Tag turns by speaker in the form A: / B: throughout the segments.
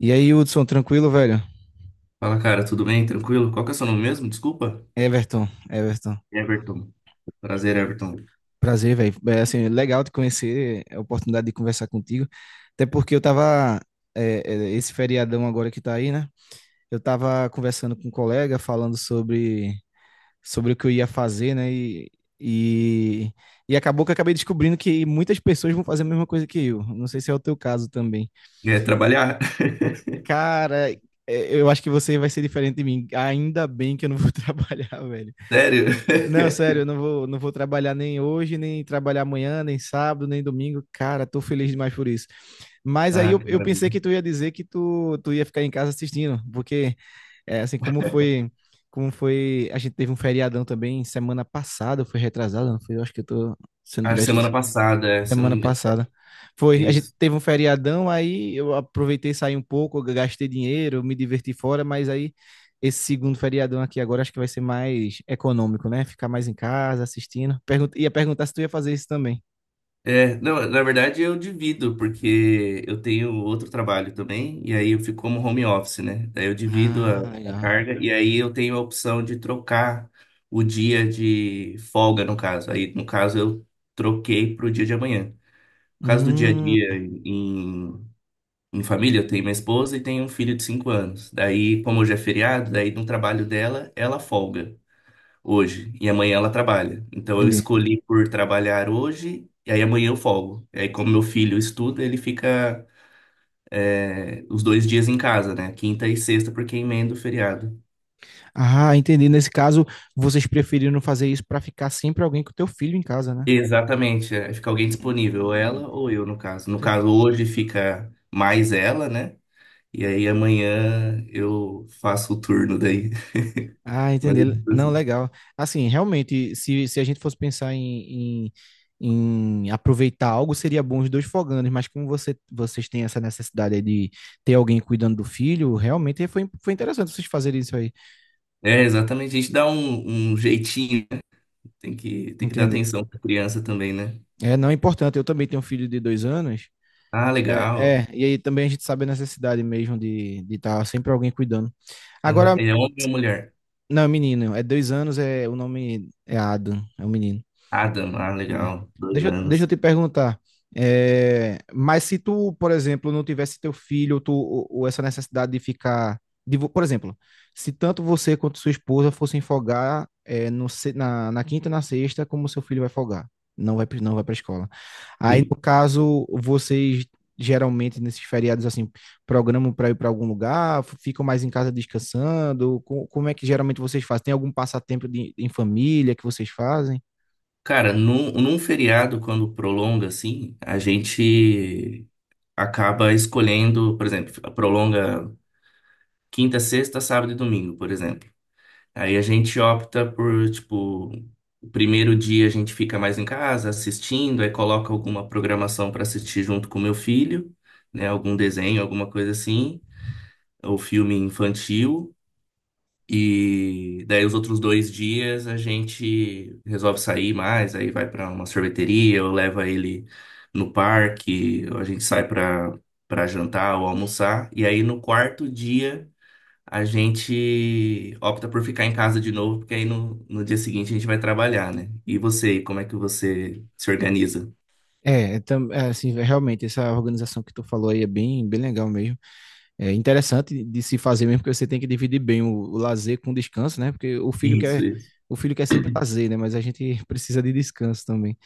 A: E aí, Hudson, tranquilo, velho?
B: Fala, cara, tudo bem? Tranquilo? Qual que é o seu nome mesmo? Desculpa.
A: Everton, Everton.
B: Everton. Prazer, Everton.
A: Prazer, velho. É assim, legal te conhecer, é a oportunidade de conversar contigo. Até porque eu tava, é, esse feriadão agora que tá aí, né? Eu tava conversando com um colega, falando sobre o que eu ia fazer, né? E, e acabou que eu acabei descobrindo que muitas pessoas vão fazer a mesma coisa que eu. Não sei se é o teu caso também.
B: É trabalhar?
A: Cara, eu acho que você vai ser diferente de mim. Ainda bem que eu não vou trabalhar, velho.
B: Sério?
A: Não, sério, eu não vou trabalhar nem hoje, nem trabalhar amanhã, nem sábado, nem domingo. Cara, tô feliz demais por isso. Mas aí
B: Ah,
A: eu,
B: que
A: eu pensei
B: maravilha.
A: que tu ia dizer que tu ia ficar em casa assistindo, porque assim como foi, a gente teve um feriadão também semana passada, foi retrasada, não foi? Eu acho que eu tô, se eu não
B: Acho
A: tiver
B: que semana
A: esquecido.
B: passada, é, se eu não
A: Semana
B: me engano.
A: passada. Foi, a gente
B: Isso.
A: teve um feriadão, aí eu aproveitei, saí um pouco, eu gastei dinheiro, me diverti fora, mas aí esse segundo feriadão aqui agora acho que vai ser mais econômico, né? Ficar mais em casa, assistindo. Pergunta, ia perguntar se tu ia fazer isso também.
B: Não, na verdade eu divido, porque eu tenho outro trabalho também, e aí eu fico como home office, né? Daí eu divido
A: Ah,
B: a
A: legal.
B: carga, e aí eu tenho a opção de trocar o dia de folga, no caso. Aí, no caso, eu troquei para o dia de amanhã. No caso do dia a
A: Hum,
B: dia em, em família, eu tenho minha esposa e tenho um filho de 5 anos. Daí, como hoje é feriado, daí no trabalho dela, ela folga hoje e amanhã ela trabalha. Então eu
A: entendi.
B: escolhi por trabalhar hoje e aí amanhã eu folgo. E aí, como meu filho estuda, ele fica os dois dias em casa, né? Quinta e sexta, porque emenda o feriado.
A: Ah, entendi. Nesse caso, vocês preferiram fazer isso para ficar sempre alguém com o teu filho em casa, né?
B: Exatamente, é, fica alguém disponível, ou
A: Hum,
B: ela ou eu, no caso. No
A: entendi.
B: caso, hoje fica mais ela, né? E aí amanhã eu faço o turno daí.
A: Ah,
B: Mas eu
A: entender.
B: digo
A: Não,
B: assim,
A: legal. Assim, realmente, se a gente fosse pensar em aproveitar algo, seria bom os dois foganos, mas como você, vocês têm essa necessidade aí de ter alguém cuidando do filho, realmente foi interessante vocês fazerem isso aí.
B: é exatamente, a gente dá um jeitinho, né? Tem que dar
A: Entender.
B: atenção pra criança também, né?
A: É, não é importante. Eu também tenho um filho de 2 anos.
B: Ah,
A: É,
B: legal.
A: é, e aí também a gente sabe a necessidade mesmo de estar sempre alguém cuidando.
B: Ah,
A: Agora,
B: ele é homem ou mulher?
A: não, é menino, é 2 anos, é o nome é Adam, é o menino.
B: Adam, ah,
A: É.
B: legal, dois
A: Deixa
B: anos.
A: eu te perguntar. Mas se tu, por exemplo, não tivesse teu filho, tu, ou essa necessidade de ficar. Por exemplo, se tanto você quanto sua esposa fossem folgar na quinta e na sexta, como seu filho vai folgar? Não vai, não vai para escola. Aí,
B: Sim.
A: no caso, vocês geralmente nesses feriados assim, programam para ir para algum lugar, ficam mais em casa descansando? Como é que geralmente vocês fazem? Tem algum passatempo em família que vocês fazem?
B: Cara, num feriado, quando prolonga assim, a gente acaba escolhendo, por exemplo, prolonga quinta, sexta, sábado e domingo, por exemplo. Aí a gente opta por, tipo, o primeiro dia a gente fica mais em casa assistindo, aí coloca alguma programação para assistir junto com o meu filho, né? Algum desenho, alguma coisa assim, ou filme infantil. E daí os outros dois dias a gente resolve sair mais, aí vai pra uma sorveteria, eu levo ele no parque, ou a gente sai pra para jantar ou almoçar. E aí no quarto dia a gente opta por ficar em casa de novo, porque aí no dia seguinte a gente vai trabalhar, né? E você, como é que você se organiza?
A: Assim, realmente, essa organização que tu falou aí é bem, bem legal mesmo. É interessante de se fazer mesmo, porque você tem que dividir bem o lazer com o descanso, né? Porque o filho
B: Isso,
A: quer,
B: isso.
A: o filho quer sempre lazer, né? Mas a gente precisa de descanso também.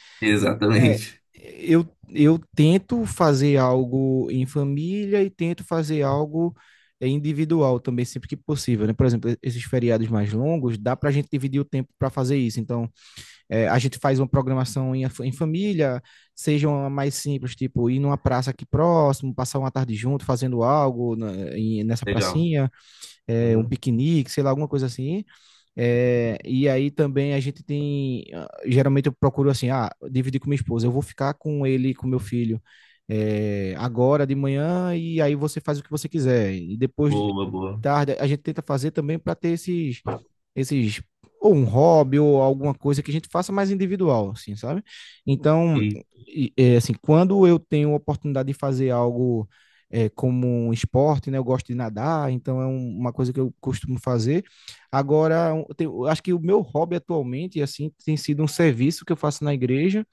A: É,
B: Exatamente.
A: eu, eu tento fazer algo em família e tento fazer algo individual também, sempre que possível, né? Por exemplo, esses feriados mais longos, dá pra gente dividir o tempo para fazer isso. Então, a gente faz uma programação em família, seja uma mais simples, tipo ir numa praça aqui próximo, passar uma tarde junto fazendo algo nessa
B: Legal.
A: pracinha, um
B: Uhum.
A: piquenique, sei lá, alguma coisa assim. E aí também a gente tem. Geralmente eu procuro assim, dividir com minha esposa, eu vou ficar com ele, com meu filho. Agora de manhã, e aí você faz o que você quiser. E depois de
B: Boa, boa.
A: tarde, a gente tenta fazer também para ter esses ou um hobby ou alguma coisa que a gente faça mais individual, assim, sabe? Então,
B: E
A: assim, quando eu tenho a oportunidade de fazer algo como um esporte, né? Eu gosto de nadar, então é uma coisa que eu costumo fazer. Agora, eu acho que o meu hobby atualmente, assim, tem sido um serviço que eu faço na igreja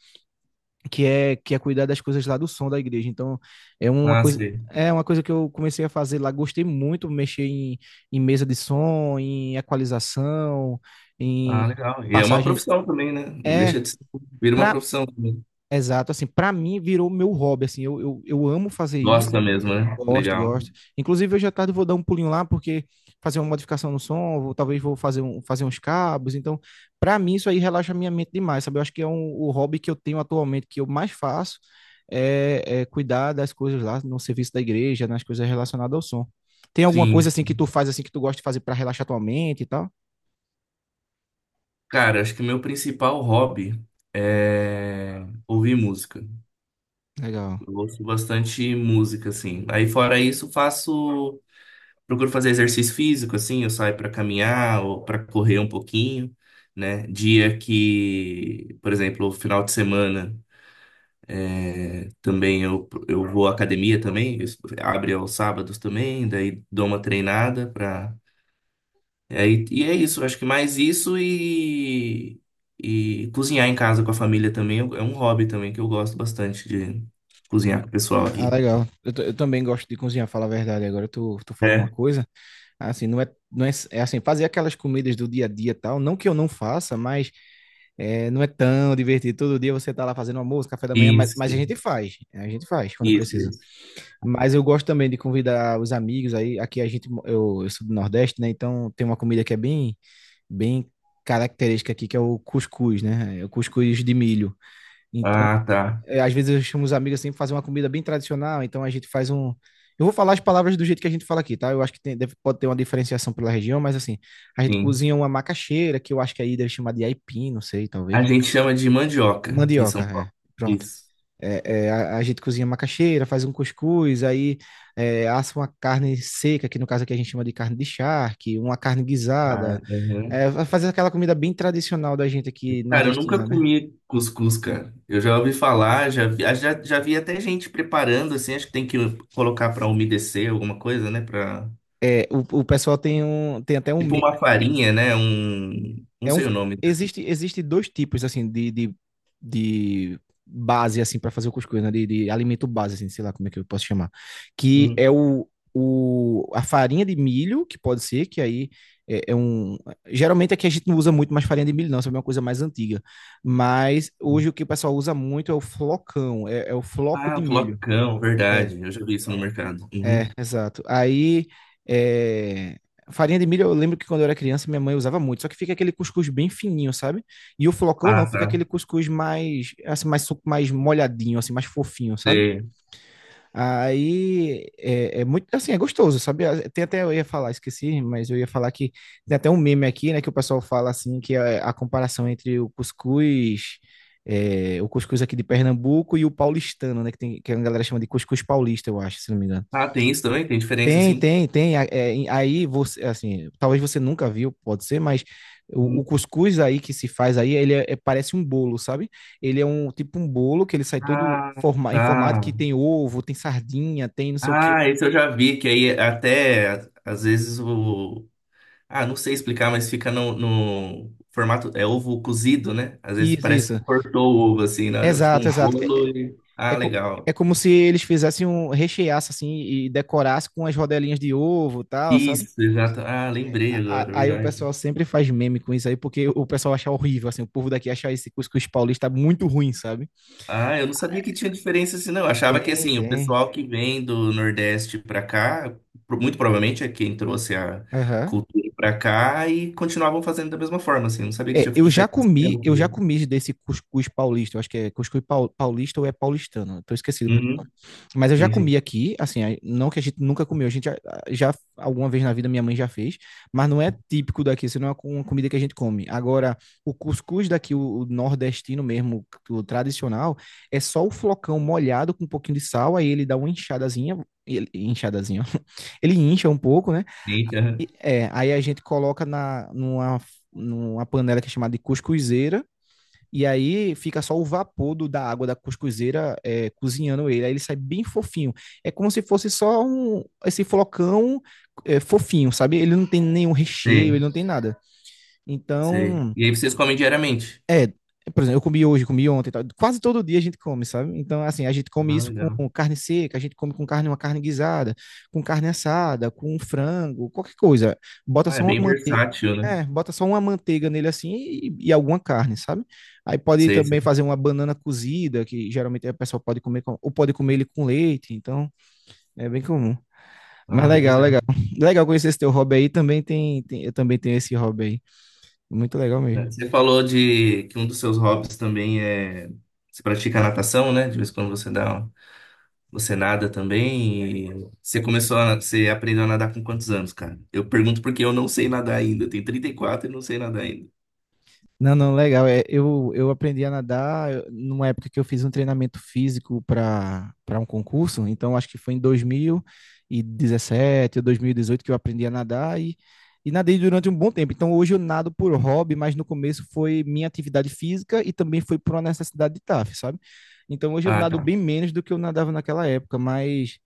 A: que é cuidar das coisas lá do som da igreja. Então, é uma
B: ah,
A: coisa
B: sei.
A: é uma coisa que eu comecei a fazer lá, gostei muito, mexer em mesa de som, em equalização, em
B: Ah, legal. E é uma
A: passagem.
B: profissão também, né? Não
A: É,
B: deixa de ser. Vira uma
A: pra,
B: profissão também.
A: Exato, assim, para mim virou meu hobby, assim, eu amo fazer isso.
B: Gosta mesmo, né?
A: Gosto,
B: Legal.
A: gosto. Inclusive, hoje à tarde eu vou dar um pulinho lá, porque fazer uma modificação no som, talvez vou fazer, fazer uns cabos. Então, para mim, isso aí relaxa a minha mente demais, sabe? Eu acho que o hobby que eu tenho atualmente, que eu mais faço, é cuidar das coisas lá no serviço da igreja, nas coisas relacionadas ao som. Tem alguma
B: Sim.
A: coisa assim que tu faz, assim, que tu gosta de fazer para relaxar tua mente e tal?
B: Cara, acho que meu principal hobby é ouvir música.
A: Legal.
B: Eu ouço bastante música, assim. Aí, fora isso, faço. Procuro fazer exercício físico, assim. Eu saio pra caminhar ou pra correr um pouquinho, né? Dia que, por exemplo, final de semana. É, também eu vou à academia também, isso abre aos sábados também, daí dou uma treinada pra. E é isso, acho que mais isso e cozinhar em casa com a família também é um hobby também que eu gosto bastante de cozinhar com o pessoal
A: Ah,
B: aqui.
A: legal. Eu também gosto de cozinhar, falar a verdade. Agora tu falou uma
B: É,
A: coisa. Assim, não é, é assim, fazer aquelas comidas do dia a dia e tal, não que eu não faça, mas não é tão divertido. Todo dia você tá lá fazendo almoço, café da manhã, mas a
B: isso,
A: gente faz, a gente faz quando precisa.
B: isso.
A: Mas eu gosto também de convidar os amigos aí, aqui a gente, eu sou do Nordeste, né? Então tem uma comida que é bem, bem característica aqui, que é o cuscuz, né? É o cuscuz de milho. Então,
B: Ah, tá,
A: às vezes eu chamo os amigos assim pra fazer uma comida bem tradicional, então a gente faz um. Eu vou falar as palavras do jeito que a gente fala aqui, tá? Eu acho que tem, deve, pode ter uma diferenciação pela região, mas assim, a gente
B: sim.
A: cozinha uma macaxeira, que eu acho que aí deve chamar de aipim, não sei, talvez.
B: A gente chama de mandioca aqui em
A: Mandioca,
B: São Paulo.
A: é. Pronto.
B: Isso.
A: A gente cozinha macaxeira, faz um cuscuz, aí assa uma carne seca, que no caso aqui a gente chama de carne de charque, uma carne
B: Ah,
A: guisada,
B: uhum.
A: fazer aquela comida bem tradicional da gente aqui
B: Cara, eu nunca
A: nordestina, né?
B: comi cuscuz, cara. Eu já ouvi falar, já vi, ah, já vi até gente preparando, assim, acho que tem que colocar pra umedecer alguma coisa, né? Pra,
A: O pessoal tem, tem até um
B: tipo uma farinha, né? Um, não
A: é um,
B: sei o nome. Né?
A: existe dois tipos, assim, de base, assim, para fazer o cuscuz, né? De alimento base, assim, sei lá como é que eu posso chamar. Que
B: Uhum.
A: é a farinha de milho, que pode ser, que aí é um. Geralmente aqui a gente não usa muito mais farinha de milho, não, isso é uma coisa mais antiga. Mas hoje o que o pessoal usa muito é o flocão, é o floco
B: Ah,
A: de milho.
B: flocão,
A: É.
B: verdade. Eu já vi isso no mercado. Uhum.
A: É, exato. Aí, é, farinha de milho, eu lembro que quando eu era criança, minha mãe usava muito, só que fica aquele cuscuz bem fininho, sabe? E o flocão não,
B: Ah,
A: fica
B: tá.
A: aquele cuscuz mais, assim, mais, mais molhadinho, assim, mais fofinho, sabe?
B: Sei.
A: Aí, é muito, assim, é gostoso, sabe? Ah, tem até, eu ia falar, esqueci, mas eu ia falar que tem até um meme aqui, né, que o pessoal fala, assim, que é a comparação entre o cuscuz o cuscuz aqui de Pernambuco e o paulistano, né? Que, tem, que a galera chama de cuscuz paulista, eu acho, se não me engano.
B: Ah, tem isso também? Tem diferença,
A: Tem,
B: assim?
A: tem, tem. Aí você, assim, talvez você nunca viu, pode ser, mas o
B: Uhum.
A: cuscuz aí que se faz aí, ele parece um bolo, sabe? Ele é um tipo um bolo que ele sai todo
B: Ah,
A: forma, em formato que
B: tá.
A: tem ovo, tem sardinha, tem não sei o quê.
B: Ah, esse eu já vi, que aí até, às vezes, o ah, não sei explicar, mas fica no formato. É ovo cozido, né? Às vezes
A: Isso,
B: parece que
A: isso.
B: cortou o ovo assim, na hora, tipo
A: Exato,
B: um
A: exato.
B: bolo e.
A: É,
B: Ah,
A: co- é
B: legal.
A: como se eles fizessem um recheasse assim e decorasse com as rodelinhas de ovo, e tal, sabe?
B: Isso, exato. Ah, lembrei agora, é
A: Aí o
B: verdade.
A: pessoal sempre faz meme com isso aí, porque o pessoal acha horrível, assim, o povo daqui acha esse cuscuz paulista muito ruim, sabe?
B: Ah, eu não sabia que tinha diferença assim, não. Eu achava que
A: Tem,
B: assim, o
A: tem.
B: pessoal que vem do Nordeste pra cá, muito provavelmente é quem trouxe a
A: Aham.
B: cultura pra cá e continuavam fazendo da mesma forma, assim. Eu não sabia que tinha
A: Eu já
B: diferença. Eu
A: comi,
B: não
A: eu já
B: sabia.
A: comi desse cuscuz paulista, eu acho que é cuscuz paulista ou é paulistano, eu tô esquecido.
B: Uhum,
A: Mas eu já
B: sim.
A: comi aqui, assim, não que a gente nunca comeu, a gente já alguma vez na vida minha mãe já fez, mas não é típico daqui, isso não é uma comida que a gente come. Agora, o cuscuz daqui, o nordestino mesmo, o tradicional, é só o flocão molhado com um pouquinho de sal, aí ele dá uma inchadazinha, inchadazinha, ele incha um pouco, né?
B: Eita,
A: É, aí a gente coloca numa panela que é chamada de cuscuzeira, e aí fica só o vapor do, da água da cuscuzeira cozinhando ele. Aí ele sai bem fofinho. É como se fosse só esse flocão fofinho, sabe? Ele não tem nenhum recheio,
B: sei,
A: ele não tem nada.
B: sei.
A: Então,
B: E aí vocês comem diariamente?
A: é, por exemplo, eu comi hoje, comi ontem, e tal. Quase todo dia a gente come, sabe? Então, assim, a gente come
B: Ah,
A: isso
B: legal.
A: com carne seca, a gente come com carne, uma carne guisada, com carne assada, com frango, qualquer coisa. Bota
B: Ah, é
A: só uma
B: bem
A: manteiga,
B: versátil, né?
A: bota só uma manteiga nele assim e alguma carne, sabe? Aí pode
B: Sei,
A: também
B: sei.
A: fazer uma banana cozida, que geralmente a pessoa pode comer, ou pode comer ele com leite, então é bem comum.
B: Ah,
A: Mas
B: bem
A: legal,
B: legal.
A: legal. Legal conhecer esse teu hobby aí, também eu também tenho esse hobby aí. Muito legal
B: É,
A: mesmo.
B: você falou de que um dos seus hobbies também é você pratica natação, né? De vez em quando você dá, um- você nada também. E você começou a, você aprendeu a nadar com quantos anos, cara? Eu pergunto porque eu não sei nadar ainda. Eu tenho 34 e quatro e não sei nadar ainda.
A: Não, não, legal. Eu aprendi a nadar numa época que eu fiz um treinamento físico para um concurso, então acho que foi em 2017 ou 2018 que eu aprendi a nadar e nadei durante um bom tempo. Então hoje eu nado por hobby, mas no começo foi minha atividade física e também foi por uma necessidade de TAF, sabe? Então hoje eu
B: Ah,
A: nado
B: tá.
A: bem menos do que eu nadava naquela época, mas,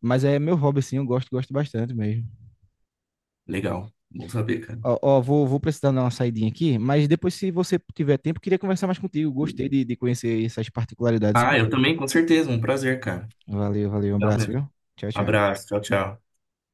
A: mas é meu hobby, assim, eu gosto, gosto bastante mesmo.
B: Legal. Bom saber, cara.
A: Ó, vou precisar dar uma saidinha aqui, mas depois, se você tiver tempo, queria conversar mais contigo. Gostei de conhecer essas particularidades sobre
B: Ah,
A: o
B: eu
A: tua
B: também, com certeza. Um prazer, cara.
A: Valeu, valeu, um
B: Legal
A: abraço,
B: mesmo.
A: viu? Tchau, tchau.
B: Abraço. Tchau, tchau.